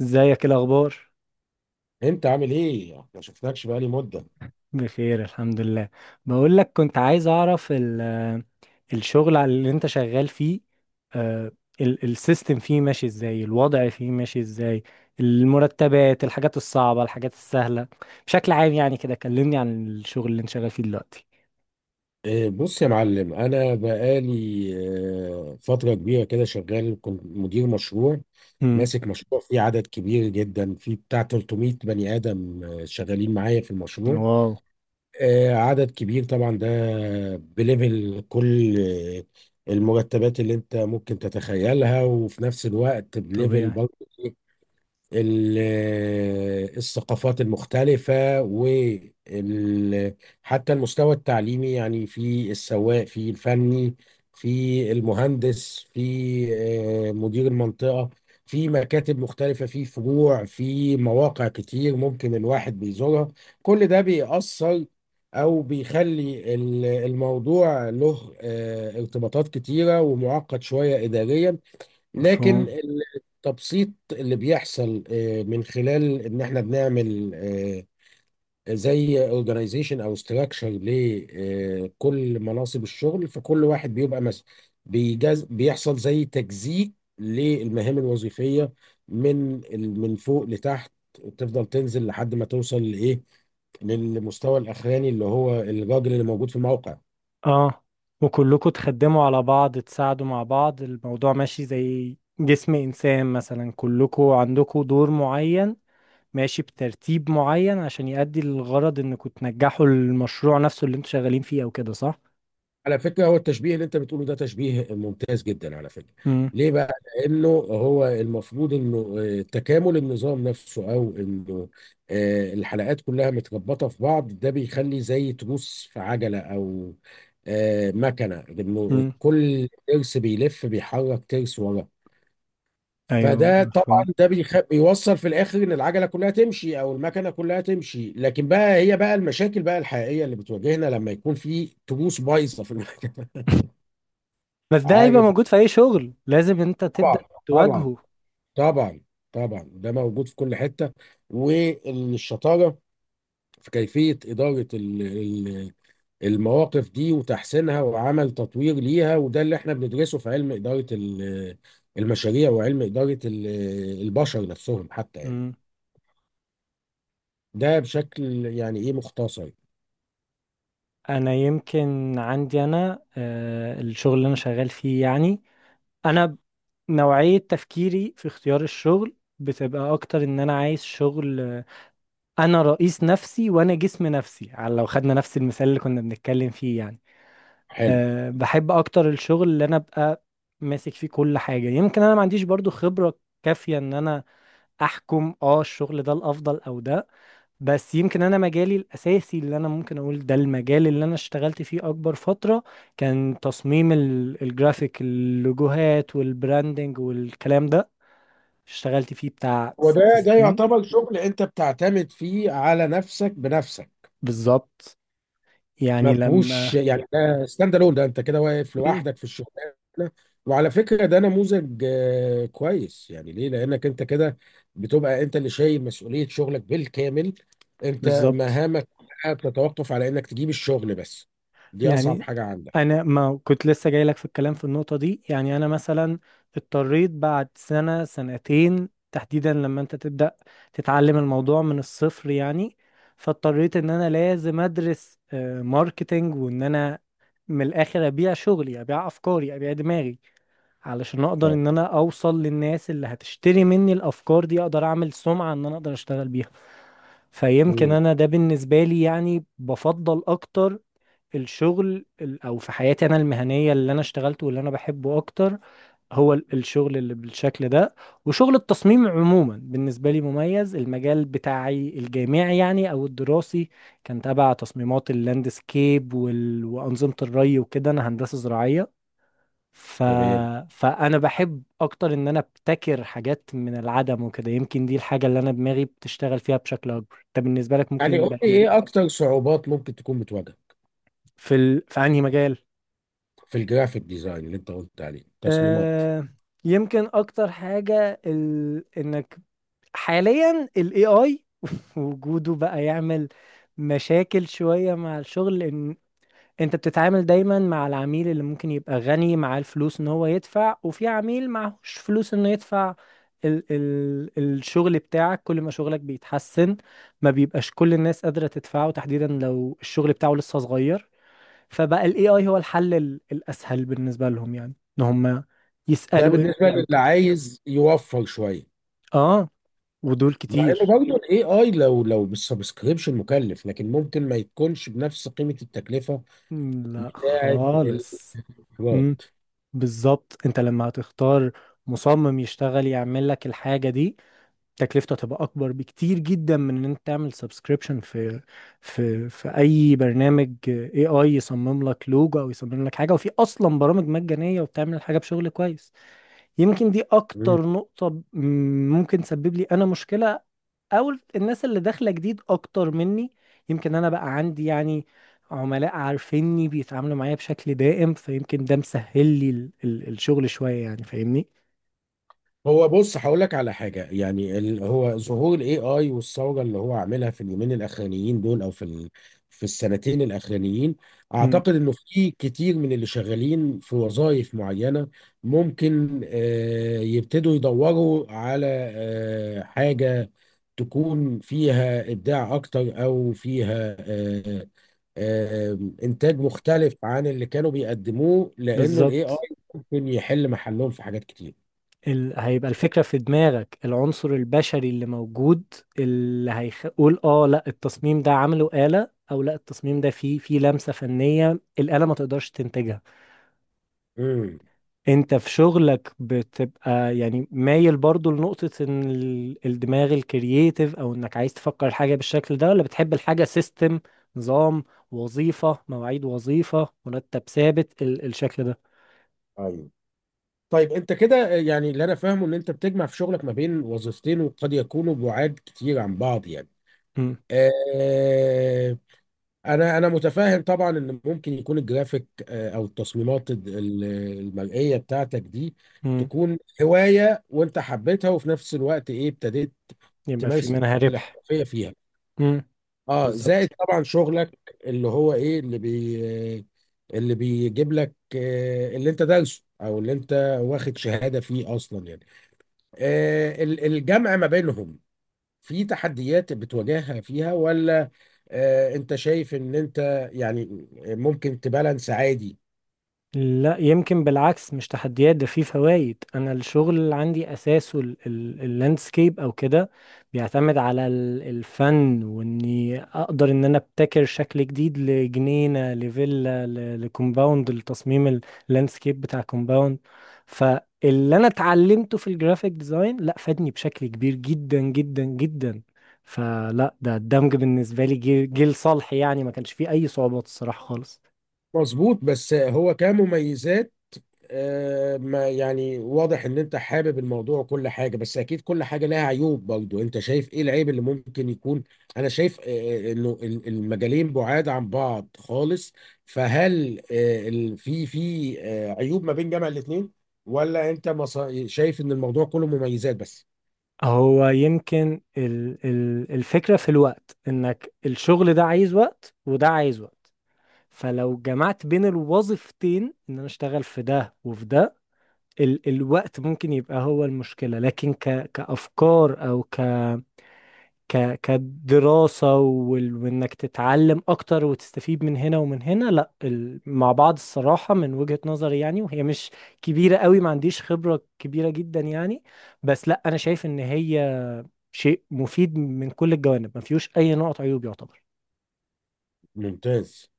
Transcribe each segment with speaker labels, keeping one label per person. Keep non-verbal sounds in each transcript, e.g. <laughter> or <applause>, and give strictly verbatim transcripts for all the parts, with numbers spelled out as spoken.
Speaker 1: ازيك؟ إيه الاخبار؟
Speaker 2: انت عامل ايه؟ ما شفناكش بقالي مده.
Speaker 1: بخير الحمد لله. بقول لك كنت عايز اعرف ال- الشغل على اللي انت شغال فيه. آه، ال- السيستم فيه ماشي ازاي؟ الوضع فيه ماشي ازاي؟ المرتبات، الحاجات الصعبة، الحاجات السهلة. بشكل عام يعني كده كلمني عن الشغل اللي انت شغال فيه دلوقتي.
Speaker 2: إيه، بص يا معلم، انا بقالي آه، فتره كبيره كده شغال. كنت مدير مشروع،
Speaker 1: امم.
Speaker 2: ماسك مشروع فيه عدد كبير جدا، فيه بتاع تلت ميه بني ادم آه، شغالين معايا في المشروع.
Speaker 1: واو.
Speaker 2: آه، عدد كبير طبعا ده. بليفل كل آه، المرتبات اللي انت ممكن تتخيلها، وفي نفس الوقت بليفل
Speaker 1: طبيعي.
Speaker 2: برضه ال- الثقافات المختلفة، وال حتى المستوى التعليمي يعني، في السواق، في الفني، في المهندس، في آه، مدير المنطقة، في مكاتب مختلفة، في فروع، في مواقع كتير ممكن الواحد بيزورها. كل ده بيأثر أو بيخلي ال- الموضوع له آه، ارتباطات كتيرة ومعقد شوية إداريا. لكن
Speaker 1: مفهوم.
Speaker 2: ال- التبسيط اللي بيحصل آه، من خلال ان احنا بنعمل آه، زي اورجانيزيشن او ستراكشر لكل مناصب الشغل، فكل واحد بيبقى مس بيجز، بيحصل زي تجزيء للمهام الوظيفية، من ال- من فوق لتحت، تفضل تنزل لحد ما توصل لايه، للمستوى الاخراني اللي هو الراجل اللي موجود في الموقع.
Speaker 1: اه، وكلكم تخدموا على بعض، تساعدوا مع بعض، الموضوع ماشي زي جسم انسان مثلا، كلكم عندكم دور معين، ماشي بترتيب معين عشان يؤدي للغرض انكم تنجحوا المشروع نفسه اللي انتوا شغالين فيه، او كده صح؟
Speaker 2: على فكرة، هو التشبيه اللي انت بتقوله ده تشبيه ممتاز جدا على فكرة.
Speaker 1: امم.
Speaker 2: ليه بقى؟ لانه هو المفروض انه آه، تكامل النظام نفسه، او انه آه، الحلقات كلها متربطة في بعض. ده بيخلي زي تروس في عجلة او آه، مكنة، انه
Speaker 1: امم.
Speaker 2: كل ترس بيلف بيحرك ترس وراه.
Speaker 1: ايوه،
Speaker 2: فده طبعا
Speaker 1: مفهوم.
Speaker 2: ده بيخ... بيوصل في الاخر ان العجله كلها تمشي او المكنه كلها تمشي. لكن بقى، هي بقى المشاكل بقى الحقيقيه اللي بتواجهنا لما يكون في تروس بايظه في المكنه.
Speaker 1: <laughs> بس ده هيبقى
Speaker 2: عارف،
Speaker 1: موجود في اي شغل، لازم انت
Speaker 2: طبعا
Speaker 1: تبدأ
Speaker 2: طبعا
Speaker 1: تواجهه.
Speaker 2: طبعا. طبعا ده موجود في كل حته، والشطاره في كيفيه اداره ال- ال- المواقف دي وتحسينها وعمل تطوير ليها. وده اللي احنا بندرسه في علم اداره ال- المشاريع وعلم اداره ال- البشر نفسهم حتى يعني.
Speaker 1: امم.
Speaker 2: ده بشكل يعني ايه مختصر.
Speaker 1: انا يمكن عندي، انا آه الشغل اللي انا شغال فيه يعني، انا نوعية تفكيري في اختيار الشغل بتبقى اكتر ان انا عايز شغل، آه، انا رئيس نفسي وانا جسم نفسي، على لو خدنا نفس المثال اللي كنا بنتكلم فيه يعني.
Speaker 2: حلو.
Speaker 1: أه، بحب اكتر الشغل اللي انا ابقى ماسك فيه كل حاجة. يمكن انا ما عنديش برضو خبرة كافية ان انا احكم اه الشغل ده الافضل او ده، بس يمكن انا مجالي الاساسي اللي انا ممكن اقول ده المجال اللي انا اشتغلت فيه اكبر فترة كان تصميم ال- الجرافيك، اللوجوهات والبراندنج والكلام ده. اشتغلت فيه بتاع ست
Speaker 2: وده ده
Speaker 1: سنين
Speaker 2: يعتبر شغل انت بتعتمد فيه على نفسك بنفسك،
Speaker 1: بالظبط.
Speaker 2: ما
Speaker 1: يعني
Speaker 2: فيهوش
Speaker 1: لما
Speaker 2: يعني، ده ستاند الون، ده انت كده واقف
Speaker 1: مم.
Speaker 2: لوحدك في الشغلانه. وعلى فكره ده نموذج آه، كويس يعني، ليه؟ لانك انت كده بتبقى انت اللي شايل مسؤوليه شغلك بالكامل. انت
Speaker 1: بالظبط
Speaker 2: مهامك كلها بتتوقف على انك تجيب الشغل بس، دي اصعب
Speaker 1: يعني،
Speaker 2: حاجه عندك.
Speaker 1: انا ما كنت لسه جاي لك في الكلام في النقطة دي يعني. انا مثلا اضطريت بعد سنة سنتين تحديدا، لما انت تبدأ تتعلم الموضوع من الصفر يعني، فاضطريت ان انا لازم ادرس آه، ماركتينج، وان انا من الاخر ابيع شغلي، ابيع افكاري، ابيع دماغي، علشان اقدر
Speaker 2: طب
Speaker 1: ان انا اوصل للناس اللي هتشتري مني الافكار دي، اقدر اعمل سمعة ان انا اقدر اشتغل بيها. فيمكن
Speaker 2: مم.
Speaker 1: انا ده بالنسبة لي يعني، بفضل اكتر الشغل ال- او في حياتي انا المهنيه اللي انا اشتغلته واللي انا بحبه اكتر هو ال- الشغل اللي بالشكل ده. وشغل التصميم عموما بالنسبه لي مميز. المجال بتاعي الجامعي يعني، او الدراسي، كان تبع تصميمات اللاندسكيب وال... وانظمه الري وكده، انا هندسه زراعيه. ف...
Speaker 2: تمام.
Speaker 1: فانا بحب اكتر ان انا ابتكر حاجات من العدم وكده. يمكن دي الحاجه اللي انا دماغي بتشتغل فيها بشكل اكبر. انت بالنسبه لك ممكن
Speaker 2: يعني قول
Speaker 1: يبقى
Speaker 2: لي،
Speaker 1: ايه؟
Speaker 2: ايه اكتر صعوبات ممكن تكون بتواجهك
Speaker 1: في ال... في انهي مجال؟
Speaker 2: في الجرافيك ديزاين اللي انت قلت عليه تصميمات؟
Speaker 1: آه. يمكن اكتر حاجة ال... انك حاليا ال A I <laughs> وجوده بقى يعمل مشاكل شوية مع الشغل، لان انت بتتعامل دايما مع العميل اللي ممكن يبقى غني، معاه الفلوس ان هو يدفع، وفي عميل معهوش فلوس انه يدفع. ال... ال... الشغل بتاعك كل ما شغلك بيتحسن ما بيبقاش كل الناس قادرة تدفعه، تحديدا لو الشغل بتاعه لسه صغير. فبقى الاي اي هو الحل ال- الاسهل بالنسبه لهم يعني، ان هم
Speaker 2: ده
Speaker 1: يسالوا ايه
Speaker 2: بالنسبه
Speaker 1: إيه او
Speaker 2: للي
Speaker 1: كده.
Speaker 2: عايز يوفر شويه.
Speaker 1: اه، ودول
Speaker 2: مع انه
Speaker 1: كتير.
Speaker 2: برضه الاي اي لو لو بالسبسكريبشن مكلف، لكن ممكن ما يكونش بنفس قيمه التكلفه
Speaker 1: مم. لا
Speaker 2: بتاعه،
Speaker 1: خالص. مم.
Speaker 2: الايراد.
Speaker 1: بالظبط. انت لما هتختار مصمم يشتغل يعمل لك الحاجه دي، تكلفته هتبقى اكبر بكتير جدا من ان انت تعمل سبسكريبشن في في في اي برنامج اي اي، يصمم لك لوجو او يصمم لك حاجه. وفي اصلا برامج مجانيه وبتعمل الحاجه بشغل كويس. يمكن دي اكتر نقطة ب- ممكن تسبب لي انا مشكلة، او الناس اللي داخلة جديد اكتر مني. يمكن انا بقى عندي يعني عملاء عارفيني بيتعاملوا معايا بشكل دائم، فيمكن ده مسهل لي ال ال الشغل شوية يعني، فاهمني؟
Speaker 2: هو بص هقول لك على حاجه يعني، ال... هو ظهور الاي اي والثوره اللي هو عاملها في اليومين الاخرانيين دول، او في ال... في السنتين الاخرانيين،
Speaker 1: مم.
Speaker 2: اعتقد انه في كتير من اللي شغالين في وظائف معينه ممكن آه يبتدوا يدوروا على آه حاجه تكون فيها ابداع اكتر، او فيها آه آه انتاج مختلف عن اللي كانوا بيقدموه، لانه الاي اي
Speaker 1: بالظبط.
Speaker 2: ممكن يحل محلهم في حاجات كتير.
Speaker 1: ال هيبقى الفكرة في دماغك، العنصر البشري اللي موجود اللي هيقول اه لا التصميم ده عمله آلة، او لا التصميم ده فيه فيه لمسة فنية الآلة ما تقدرش تنتجها.
Speaker 2: مم.
Speaker 1: انت في شغلك بتبقى يعني مايل برضو لنقطة ان ال- الدماغ الكرييتيف، او انك عايز تفكر الحاجة بالشكل ده، ولا بتحب الحاجة سيستم، نظام، وظيفة مواعيد، وظيفة مرتب ثابت، ال الشكل ده.
Speaker 2: ايوه. طيب انت كده يعني، اللي انا فاهمه ان انت بتجمع في شغلك ما بين وظيفتين، وقد يكونوا بعاد كتير عن بعض يعني.
Speaker 1: امم.
Speaker 2: آه، انا انا متفاهم طبعا ان ممكن يكون الجرافيك آه، او التصميمات ال- ال- المرئيه بتاعتك دي
Speaker 1: امم.
Speaker 2: تكون هوايه وانت حبيتها، وفي نفس الوقت ايه ابتديت
Speaker 1: يبقى في
Speaker 2: تمارس
Speaker 1: منها ربح.
Speaker 2: الاحترافيه فيها.
Speaker 1: امم.
Speaker 2: اه، زائد
Speaker 1: بالظبط.
Speaker 2: طبعا شغلك اللي هو ايه، اللي بي اللي بيجيب لك آه، اللي انت دارسه، او اللي انت واخد شهادة فيه اصلا يعني. آه، ال- الجمع ما بينهم في تحديات بتواجهها فيها، ولا آه، انت شايف ان انت يعني ممكن تبالانس عادي؟
Speaker 1: لا، يمكن بالعكس، مش تحديات، ده فيه فوائد. انا الشغل اللي عندي اساسه اللاندسكيب او كده، بيعتمد على ال- الفن، واني اقدر ان انا ابتكر شكل جديد لجنينة، لفيلا، ل- لكومباوند، لتصميم اللاندسكيب بتاع كومباوند. فاللي انا اتعلمته في الجرافيك ديزاين لا فادني بشكل كبير جدا جدا جدا. فلا، ده الدمج بالنسبة لي جيل جيل صالح يعني، ما كانش فيه اي صعوبات الصراحة خالص.
Speaker 2: مظبوط. بس هو كمميزات آه، ما يعني واضح ان انت حابب الموضوع وكل حاجة، بس اكيد كل حاجة لها عيوب برضو. انت شايف ايه العيب اللي ممكن يكون؟ انا شايف آه، آه، انه ال- المجالين بعاد عن بعض خالص، فهل آه، ال- في في آه، عيوب ما بين جامع الاثنين، ولا انت مص- شايف ان الموضوع كله مميزات بس؟
Speaker 1: هو يمكن ال ال الفكرة في الوقت، انك الشغل ده عايز وقت وده عايز وقت، فلو جمعت بين الوظيفتين ان انا اشتغل في ده وفي ده، ال الوقت ممكن يبقى هو المشكلة. لكن ك كأفكار او ك ك كدراسة وال وانك تتعلم اكتر وتستفيد من هنا ومن هنا، لا ال مع بعض الصراحة، من وجهة نظري يعني، وهي مش كبيرة قوي، ما عنديش خبرة كبيرة جدا يعني. بس لا، انا شايف ان هي شيء مفيد من كل الجوانب، ما فيهوش اي نقط عيوب يعتبر.
Speaker 2: ممتاز.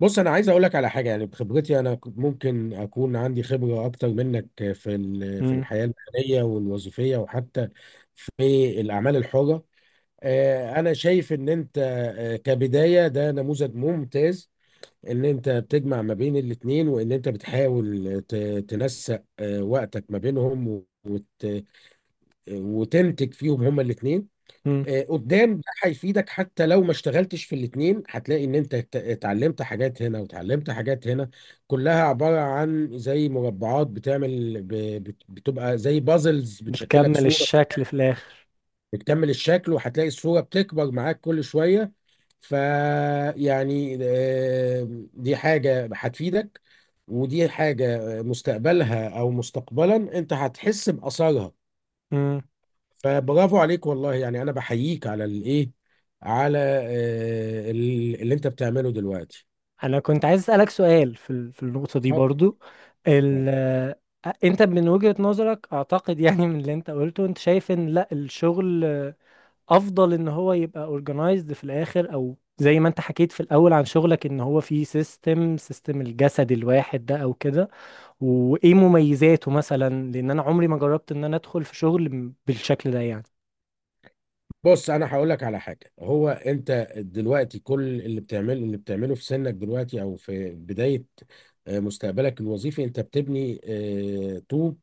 Speaker 2: بص انا عايز اقول لك على حاجة يعني، بخبرتي انا ك- ممكن اكون عندي خبرة اكتر منك في ال- في
Speaker 1: مم.
Speaker 2: الحياة المهنية والوظيفية، وحتى في الاعمال الحرة. آه، انا شايف ان انت آه، كبداية ده نموذج ممتاز. ان انت بتجمع ما بين الاتنين، وان انت بتحاول ت- تنسق آه، وقتك ما بينهم، وت... وتنتج فيهم هما الاتنين.
Speaker 1: مم.
Speaker 2: آه، قدام ده هيفيدك، حتى لو ما اشتغلتش في الاتنين هتلاقي ان انت ات- اتعلمت حاجات هنا وتعلمت حاجات هنا. كلها عبارة عن زي مربعات بتعمل ب... بت- بتبقى زي بازلز بتشكلك
Speaker 1: بتكمل
Speaker 2: صورة،
Speaker 1: الشكل في الاخر.
Speaker 2: بتكمل الشكل. وهتلاقي الصورة بتكبر معاك كل شوية. فيعني دي حاجة هتفيدك، ودي حاجة مستقبلها أو مستقبلا أنت هتحس بأثرها.
Speaker 1: مم.
Speaker 2: فبرافو عليك، والله يعني أنا بحييك على الإيه، على آه، ال- اللي أنت بتعمله دلوقتي.
Speaker 1: انا كنت عايز اسالك سؤال في ال- في النقطه دي
Speaker 2: اتفضل.
Speaker 1: برضو. ال آه، انت من وجهه نظرك، اعتقد يعني من اللي انت قلته، انت شايف ان لا الشغل، آه، افضل ان هو يبقى اورجنايزد في الاخر، او زي ما انت حكيت في الاول عن شغلك ان هو فيه سيستم، سيستم الجسد الواحد ده او كده. وايه مميزاته مثلا؟ لان انا عمري ما جربت ان انا ادخل في شغل بالشكل ده يعني.
Speaker 2: بص انا هقول لك على حاجه، هو انت دلوقتي كل اللي بتعمله، اللي بتعمله في سنك دلوقتي او في بدايه آه، مستقبلك الوظيفي، انت بتبني آه، طوب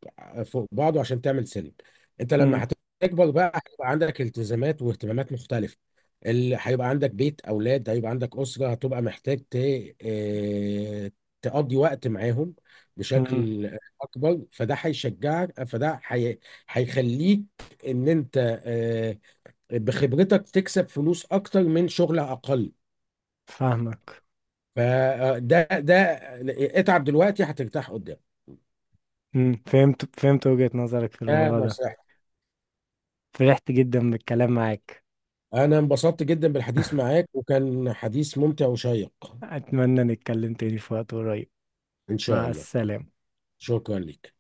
Speaker 2: فوق بعضه عشان تعمل سلم. انت
Speaker 1: مم.
Speaker 2: لما هتكبر بقى، هيبقى عندك التزامات واهتمامات مختلفه، اللي هيبقى عندك بيت، اولاد، هيبقى عندك اسره، هتبقى محتاج ت... آه، تقضي وقت معاهم
Speaker 1: مم.
Speaker 2: بشكل اكبر. فده هيشجعك، فده هي... هيخليك ان انت آه، بخبرتك تكسب فلوس اكتر من شغل اقل.
Speaker 1: فاهمك.
Speaker 2: فده ده، اتعب دلوقتي هترتاح قدام.
Speaker 1: مم. فهمت، فهمت وجهة نظرك في
Speaker 2: ده
Speaker 1: الموضوع ده.
Speaker 2: نصيحتي.
Speaker 1: فرحت جدا بالكلام معاك.
Speaker 2: انا انبسطت جدا بالحديث
Speaker 1: <laughs>
Speaker 2: معاك، وكان حديث ممتع وشيق.
Speaker 1: أتمنى نتكلم تاني في وقت قريب.
Speaker 2: ان شاء
Speaker 1: مع
Speaker 2: الله.
Speaker 1: السلامة.
Speaker 2: شكرا لك.